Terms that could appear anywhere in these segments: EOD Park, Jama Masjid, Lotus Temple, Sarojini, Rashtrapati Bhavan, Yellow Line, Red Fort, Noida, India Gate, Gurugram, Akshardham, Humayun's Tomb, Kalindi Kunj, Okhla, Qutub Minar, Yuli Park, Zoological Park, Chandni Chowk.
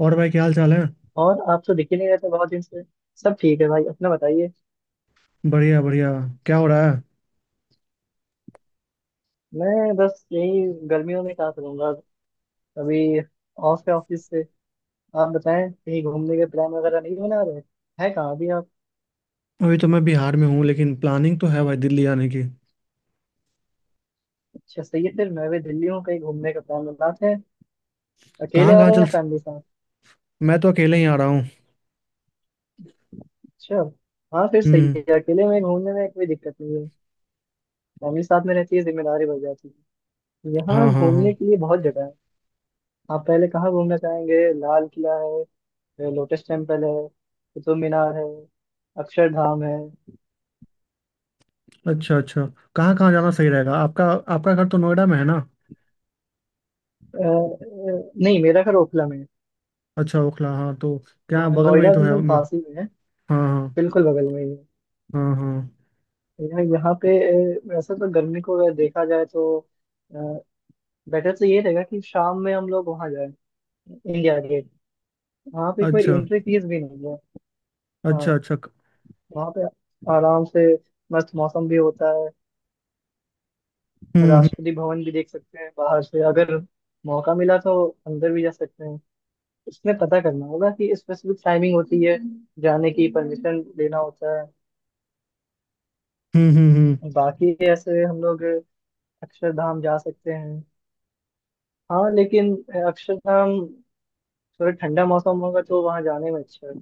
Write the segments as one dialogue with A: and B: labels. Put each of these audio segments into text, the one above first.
A: और भाई, क्या हाल चाल है।
B: और आप तो दिख ही नहीं रहे थे बहुत दिन से। सब ठीक है भाई, अपना बताइए।
A: बढ़िया बढ़िया। क्या हो रहा है।
B: मैं बस यही, गर्मियों में कहाँ करूंगा अभी, ऑफ है ऑफिस से। आप बताएं, कहीं घूमने के प्लान वगैरह नहीं बना रहे? है कहाँ अभी आप?
A: अभी तो मैं बिहार में हूँ, लेकिन प्लानिंग तो है भाई दिल्ली आने की।
B: अच्छा सही है, फिर मैं भी दिल्ली हूँ, कहीं घूमने का प्लान बनाते हैं। अकेले
A: कहाँ
B: आ
A: कहाँ
B: रहे हैं
A: चल।
B: या फैमिली साथ?
A: मैं तो अकेले ही आ रहा हूँ।
B: अच्छा। हाँ फिर सही
A: हम्म।
B: है, अकेले में घूमने में कोई दिक्कत नहीं है। फैमिली साथ में रहती है जिम्मेदारी बढ़ जाती है। यहाँ
A: हाँ हाँ हाँ।
B: घूमने के लिए बहुत जगह है। आप पहले कहाँ घूमना चाहेंगे? लाल किला है, लोटस टेम्पल है, कुतुब मीनार है, अक्षरधाम है।
A: अच्छा अच्छा। कहाँ कहाँ जाना सही रहेगा आपका। आपका घर तो नोएडा में है ना।
B: नहीं मेरा घर ओखला में है।
A: अच्छा, ओखला। हाँ तो क्या
B: नो-
A: बगल में ही
B: नोएडा
A: तो है
B: बिल्कुल
A: मे-
B: पास ही में है,
A: हाँ हाँ।
B: बिल्कुल बगल में ही है।
A: हाँ हाँ।
B: यहाँ यहाँ पे, वैसे तो गर्मी को अगर देखा जाए तो बेटर तो ये रहेगा कि शाम में हम लोग वहाँ जाए, इंडिया गेट। वहाँ पे कोई
A: अच्छा
B: एंट्री फीस भी नहीं है। हाँ,
A: अच्छा अच्छा।
B: वहाँ पे आराम से मस्त मौसम भी होता है।
A: हम्म हम्म
B: राष्ट्रपति भवन भी देख सकते हैं बाहर से, अगर मौका मिला तो अंदर भी जा सकते हैं। इसमें पता करना होगा कि स्पेसिफिक टाइमिंग होती है, जाने की परमिशन लेना होता है।
A: हम्म।
B: बाकी ऐसे हम लोग अक्षरधाम जा सकते हैं। हाँ लेकिन अक्षरधाम थोड़ा ठंडा मौसम होगा तो वहाँ जाने में अच्छा है।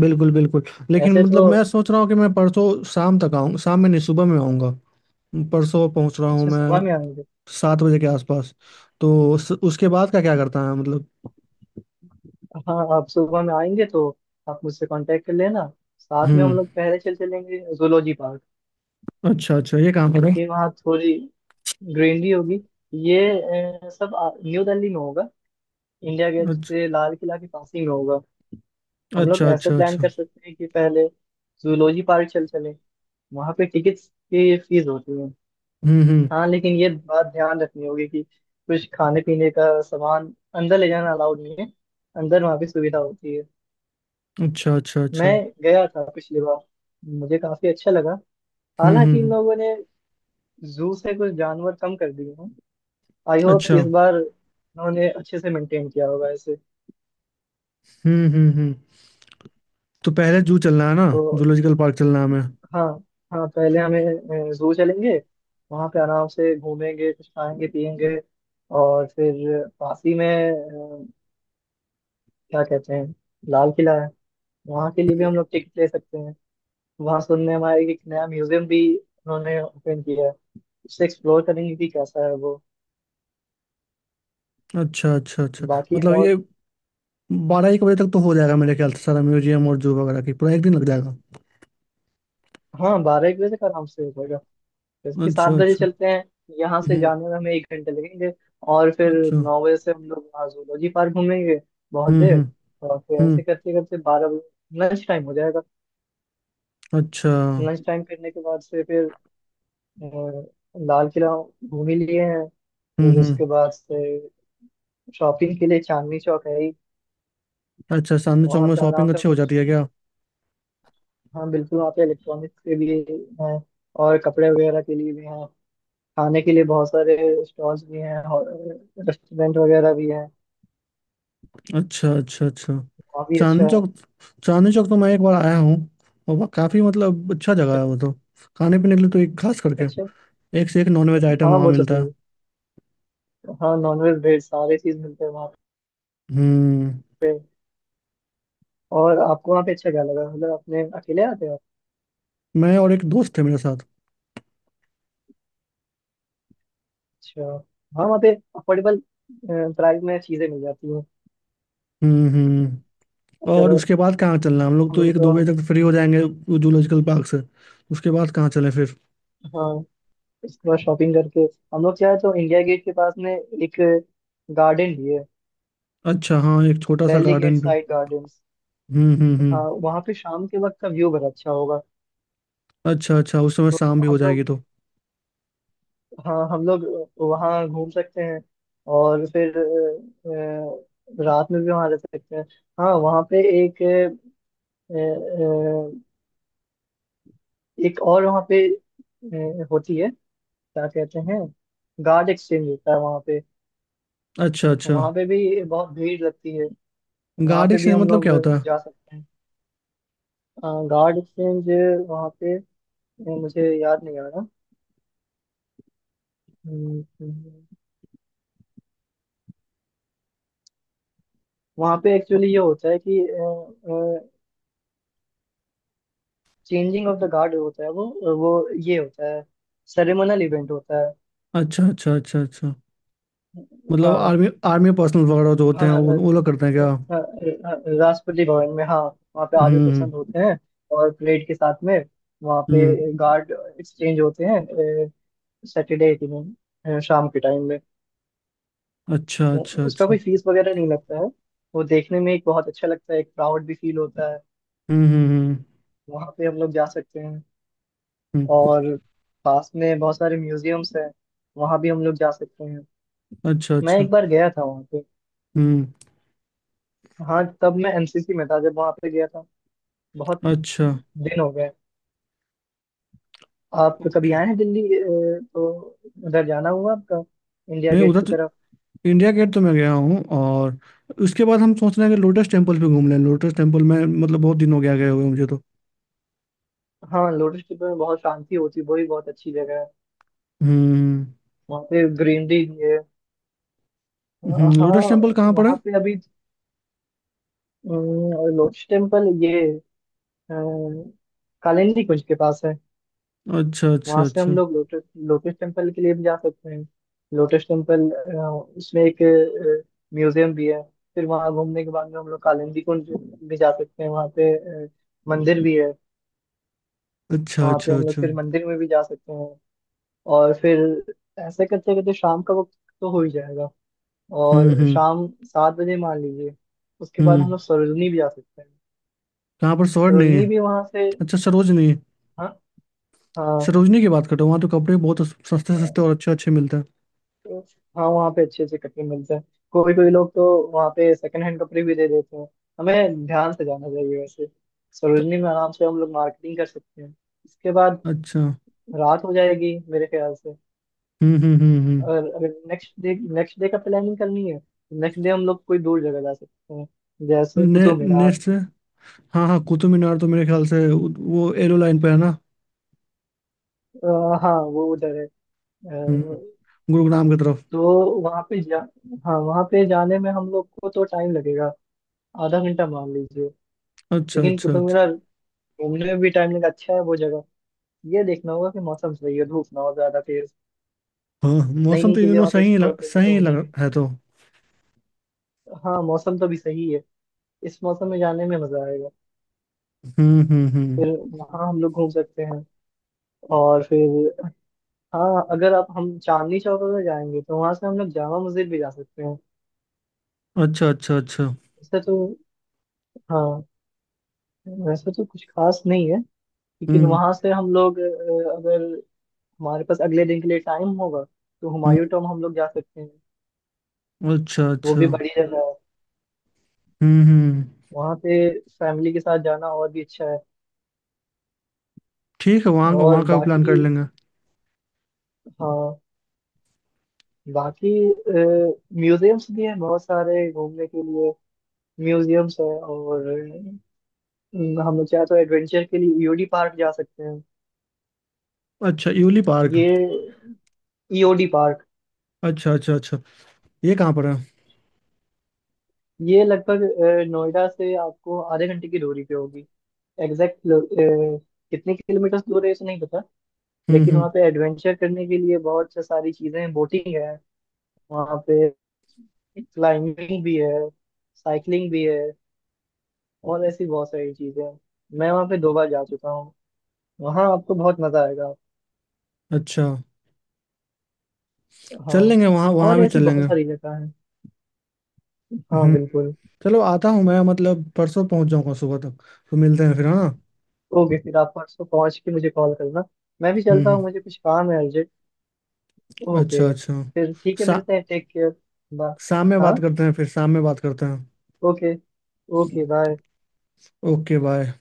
A: बिल्कुल बिल्कुल। लेकिन
B: ऐसे
A: मतलब
B: तो
A: मैं सोच रहा हूँ कि मैं परसों शाम तक आऊँ, शाम में नहीं, सुबह में आऊँगा। परसों पहुँच रहा हूँ
B: अच्छा, सुबह
A: मैं।
B: में आएंगे।
A: 7 बजे के आसपास। तो उसके बाद का क्या करता है, मतलब।
B: हाँ आप सुबह में आएंगे तो आप मुझसे कांटेक्ट कर लेना, साथ में हम
A: हम्म।
B: लोग पहले चल चलेंगे जूलॉजी पार्क।
A: अच्छा अच्छा, ये काम करो।
B: क्योंकि वहाँ थोड़ी ग्रीनरी होगी, ये, न्यू दिल्ली में होगा, इंडिया गेट
A: अच्छा
B: से लाल किला के पास ही में होगा। हम लोग
A: अच्छा
B: ऐसे
A: अच्छा
B: प्लान
A: अच्छा।
B: कर सकते हैं कि पहले जूलॉजी पार्क चल चले। वहां पे टिकट्स की फीस होती है।
A: हम्म।
B: हाँ लेकिन ये बात ध्यान रखनी होगी कि कुछ खाने पीने का सामान अंदर ले जाना अलाउड नहीं है, अंदर वहाँ पे सुविधा होती है।
A: अच्छा अच्छा अच्छा।
B: मैं गया था पिछली बार, मुझे काफी अच्छा लगा। हालांकि इन
A: हम्म।
B: लोगों ने जू से कुछ जानवर कम कर दिए हैं, आई होप
A: अच्छा।
B: इस बार उन्होंने अच्छे से मेंटेन किया होगा इसे।
A: हम्म। तो पहले जू चलना है ना।
B: तो
A: जूलॉजिकल पार्क चलना है हमें।
B: हाँ, हाँ पहले हमें जू चलेंगे, वहाँ पे आराम से घूमेंगे, कुछ खाएंगे पियेंगे। और फिर पास ही में, क्या कहते हैं, लाल किला है, वहाँ के लिए भी हम लोग टिकट ले सकते हैं। वहाँ सुनने में आया कि एक नया म्यूजियम भी उन्होंने ओपन किया है, उससे एक्सप्लोर करेंगे कि कैसा है वो।
A: अच्छा अच्छा अच्छा।
B: बाकी
A: मतलब
B: और,
A: ये, 12-1 बजे तक तो हो जाएगा मेरे ख्याल से, सारा म्यूजियम और जू वगैरह की पूरा एक दिन लग जाएगा।
B: हाँ बारह एक बजे तक आराम से हो जाएगा। जैसे कि
A: अच्छा
B: 7 बजे
A: अच्छा।
B: चलते हैं, यहाँ से
A: हम्म।
B: जाने में हमें एक घंटे लगेंगे, और फिर
A: अच्छा।
B: 9 बजे से हम लोग वहाँ जूलॉजी पार्क घूमेंगे बहुत
A: हम्म
B: देर।
A: हम्म
B: और फिर
A: हम्म।
B: ऐसे करते करते 12 बजे लंच टाइम हो जाएगा।
A: अच्छा।
B: लंच टाइम करने के बाद से फिर अ, लाल किला घूम ही लिए हैं, फिर
A: हम्म।
B: उसके बाद से शॉपिंग के लिए चांदनी चौक है ही।
A: अच्छा, चांदनी चौक
B: वहाँ
A: में
B: पे आराम
A: शॉपिंग
B: से हम
A: अच्छी हो
B: लोग,
A: जाती है क्या।
B: हाँ बिल्कुल वहाँ पे इलेक्ट्रॉनिक्स के भी हैं और कपड़े वगैरह के लिए भी हैं, खाने के लिए बहुत सारे स्टॉल्स भी हैं और रेस्टोरेंट वगैरह भी हैं।
A: अच्छा अच्छा अच्छा।
B: वहाँ भी अच्छा
A: चांदनी
B: है।
A: चौक। चांदनी चौक तो मैं एक बार आया हूँ। और वह काफी मतलब अच्छा जगह है,
B: अ-
A: वो तो। खाने पीने के लिए तो एक खास करके
B: अच्छा।
A: एक से एक नॉनवेज आइटम
B: हाँ
A: वहाँ
B: वो तो
A: मिलता
B: सही
A: है।
B: है, हाँ नॉनवेज वेज सारे चीज मिलते हैं वहाँ
A: हम्म।
B: पे। और आपको वहाँ पे अच्छा क्या लगा, मतलब आपने अकेले आते हो आप?
A: मैं और एक दोस्त थे मेरे साथ।
B: अच्छा। हाँ वहाँ पे अफोर्डेबल प्राइस में चीजें मिल जाती हैं,
A: हम्म। और
B: अगर
A: उसके बाद कहाँ चलना है? हम लोग
B: हम
A: तो
B: लोग
A: एक
B: को।
A: दो बजे तक फ्री हो जाएंगे वो जूलॉजिकल पार्क से। उसके बाद कहाँ चलें फिर।
B: हाँ उसके बाद शॉपिंग करके हम लोग क्या है तो इंडिया गेट के पास में एक गार्डन भी है,
A: अच्छा हाँ, एक छोटा सा
B: दिल्ली गेट
A: गार्डन भी।
B: Side garden. हाँ
A: हम्म।
B: वहाँ पे शाम के वक्त का व्यू बड़ा अच्छा होगा।
A: अच्छा अच्छा, उस समय
B: तो
A: शाम भी
B: हम
A: हो जाएगी
B: लोग,
A: तो।
B: हाँ हम लोग वहाँ घूम सकते हैं। और फिर रात में भी वहाँ रह सकते हैं। हाँ वहाँ पे एक अ, अ, एक और वहाँ पे होती है, क्या कहते हैं, गार्ड एक्सचेंज होता है वहाँ पे।
A: अच्छा अच्छा।
B: वहाँ पे भी बहुत भीड़ लगती है, वहाँ
A: गार्डन
B: पे भी
A: से
B: हम
A: मतलब क्या
B: लोग
A: होता है।
B: जा सकते हैं। गार्ड एक्सचेंज वहाँ पे, मुझे याद नहीं आ रहा। हम्म। वहाँ पे एक्चुअली ये होता है कि चेंजिंग ऑफ द गार्ड होता है, वो ये होता है, सेरेमोनियल इवेंट होता है।
A: अच्छा अच्छा अच्छा अच्छा। मतलब
B: हाँ,
A: आर्मी आर्मी पर्सनल वगैरह जो होते
B: हाँ
A: हैं
B: अ,
A: वो लोग करते हैं क्या।
B: अ, अ, राष्ट्रपति भवन में, हाँ वहाँ पे आर्मी
A: हम्म
B: पर्सन होते हैं और परेड के साथ में वहाँ
A: हम्म हम्म।
B: पे गार्ड एक्सचेंज होते हैं। सैटरडे के दिन, शाम के टाइम में,
A: अच्छा अच्छा
B: उसका
A: अच्छा।
B: कोई फीस वगैरह नहीं लगता है। वो देखने में एक बहुत अच्छा लगता है, एक प्राउड भी फील होता है।
A: हम्म हम्म हम्म
B: वहाँ पे हम लोग जा सकते हैं।
A: हम्म।
B: और पास में बहुत सारे म्यूजियम्स हैं, वहाँ भी हम लोग जा सकते हैं।
A: अच्छा
B: मैं
A: अच्छा।
B: एक बार गया था वहां पे।
A: हम्म।
B: हाँ तब मैं एनसीसी में था जब वहां पे गया था, बहुत
A: अच्छा।
B: दिन हो गए। आप कभी
A: ओके।
B: आए हैं दिल्ली, तो उधर जाना हुआ आपका, इंडिया
A: नहीं,
B: गेट
A: उधर
B: की
A: तो।
B: तरफ?
A: इंडिया गेट तो मैं गया हूँ। और उसके बाद हम सोच रहे हैं कि लोटस टेम्पल भी घूम लें। लोटस टेम्पल में मतलब बहुत दिन हो गया गए हुए मुझे तो।
B: हाँ लोटस टेम्पल में बहुत शांति होती है, वो भी बहुत अच्छी जगह है।
A: हम्म
B: वहाँ पे ग्रीनरी भी है। अ, हाँ
A: लोटस टेम्पल कहाँ पर है।
B: वहाँ पे अभी, लोटस टेम्पल ये अ, कालिंदी कुंज के पास है।
A: अच्छा अच्छा
B: वहां से हम
A: अच्छा
B: लोग लोटस लोटस टेम्पल के लिए भी जा सकते हैं। लोटस टेम्पल, उसमें एक म्यूजियम भी है। फिर वहां घूमने के बाद में हम लोग कालिंदी कुंज भी जा सकते हैं, वहां पे अ, मंदिर भी है।
A: अच्छा
B: वहां पे
A: अच्छा
B: हम लोग
A: अच्छा।
B: फिर मंदिर में भी जा सकते हैं। और फिर ऐसे करते करते शाम का वक्त तो हो ही जाएगा,
A: हम्म
B: और
A: हम्म
B: शाम 7 बजे मान लीजिए उसके बाद हम
A: हम्म।
B: लोग सरोजनी भी जा सकते हैं।
A: कहाँ पर सरोज नहीं
B: सरोजनी
A: है।
B: भी वहां से,
A: अच्छा सरोज नहीं है।
B: हाँ। हाँ
A: सरोजनी की बात कर रहे हो। वहाँ तो कपड़े बहुत सस्ते सस्ते और अच्छे अच्छे मिलते हैं
B: तो हाँ वहाँ पे अच्छे अच्छे कपड़े मिलते हैं। कोई कोई लोग तो वहाँ पे सेकंड हैंड कपड़े भी दे देते हैं, हमें ध्यान से जाना चाहिए वैसे।
A: तो।
B: सरोजनी में आराम से हम लोग मार्केटिंग कर सकते हैं। इसके बाद
A: अच्छा।
B: रात हो जाएगी मेरे ख्याल से।
A: हम्म।
B: और अगर नेक्स्ट डे का प्लानिंग करनी है, नेक्स्ट डे हम लोग कोई दूर जगह जा सकते हैं, जैसे कुतुब मीनार।
A: नेक्स्ट से। हाँ हाँ, कुतुब मीनार तो मेरे ख्याल से वो एलो लाइन पे है ना।
B: अ, हाँ वो उधर है।
A: हम्म।
B: अ,
A: गुरुग्राम की तरफ।
B: तो वहाँ पे जा, हाँ वहाँ पे जाने में हम लोग को तो टाइम लगेगा, आधा घंटा मान लीजिए।
A: अच्छा
B: लेकिन
A: अच्छा
B: कुतुब
A: अच्छा।
B: मीनार घूमने में भी टाइम लगा, अच्छा है वो जगह। ये देखना होगा कि मौसम सही है, धूप ना हो ज्यादा तेज।
A: हाँ
B: नई
A: मौसम
B: नई
A: तो इन
B: चीजें
A: दिनों
B: वहाँ पे एक्सप्लोर करने
A: सही
B: को
A: ही लग
B: मिलेगी।
A: है तो।
B: हाँ मौसम तो भी सही है, इस मौसम में जाने में मजा आएगा।
A: हम्म।
B: फिर वहाँ हम लोग घूम सकते हैं। और फिर हाँ, अगर आप हम चांदनी चौक अगर जाएंगे तो वहां से हम लोग जामा मस्जिद भी जा सकते हैं।
A: अच्छा अच्छा अच्छा।
B: वैसे तो, हाँ वैसे तो कुछ खास नहीं है। लेकिन
A: हम्म
B: वहां से हम लोग, अगर हमारे पास अगले दिन के लिए टाइम होगा तो
A: हम्म।
B: हुमायूं टॉम हम लोग जा सकते हैं।
A: अच्छा
B: वो
A: अच्छा।
B: भी बड़ी जगह है,
A: हम्म।
B: वहाँ पे फैमिली के साथ जाना और भी अच्छा है।
A: ठीक है, वहाँ का
B: और
A: वहाँ का भी प्लान कर
B: बाकी,
A: लेंगे।
B: हाँ बाकी म्यूजियम्स भी हैं बहुत सारे घूमने के लिए। म्यूजियम्स हैं और हम लोग चाहे तो एडवेंचर के लिए ईओडी पार्क जा सकते हैं।
A: अच्छा यूली पार्क।
B: ये ईओडी पार्क
A: अच्छा अच्छा अच्छा। ये कहाँ पर है।
B: ये लगभग नोएडा से आपको आधे घंटे की दूरी पे होगी। एग्जैक्ट कितने किलोमीटर दूर है ये तो नहीं पता। लेकिन
A: हम्म।
B: वहाँ पे एडवेंचर करने के लिए बहुत से सारी चीज़ें हैं, बोटिंग है वहाँ पे, क्लाइंबिंग भी है, साइकिलिंग भी है, और ऐसी बहुत सारी चीजें हैं। मैं वहाँ पे 2 बार जा चुका हूँ, वहाँ आपको बहुत मजा आएगा।
A: अच्छा। चल
B: हाँ।
A: लेंगे वहाँ, वहाँ
B: और
A: भी
B: ऐसी
A: चल
B: बहुत
A: लेंगे।
B: सारी जगह है, हाँ
A: हम्म।
B: बिल्कुल।
A: चलो, आता हूँ मैं, मतलब परसों पहुँच जाऊँगा सुबह तक। तो मिलते हैं फिर, हाँ।
B: ओके, फिर आप परसों पहुँच के मुझे कॉल करना। मैं भी चलता हूँ,
A: हम्म।
B: मुझे कुछ काम है अर्जेंट।
A: अच्छा
B: ओके।
A: अच्छा।
B: फिर ठीक है,
A: शा,
B: मिलते हैं, टेक केयर। बाय।
A: शाम में
B: हाँ।
A: बात करते हैं फिर शाम में बात करते हैं।
B: Okay. Okay bye.
A: Okay bye.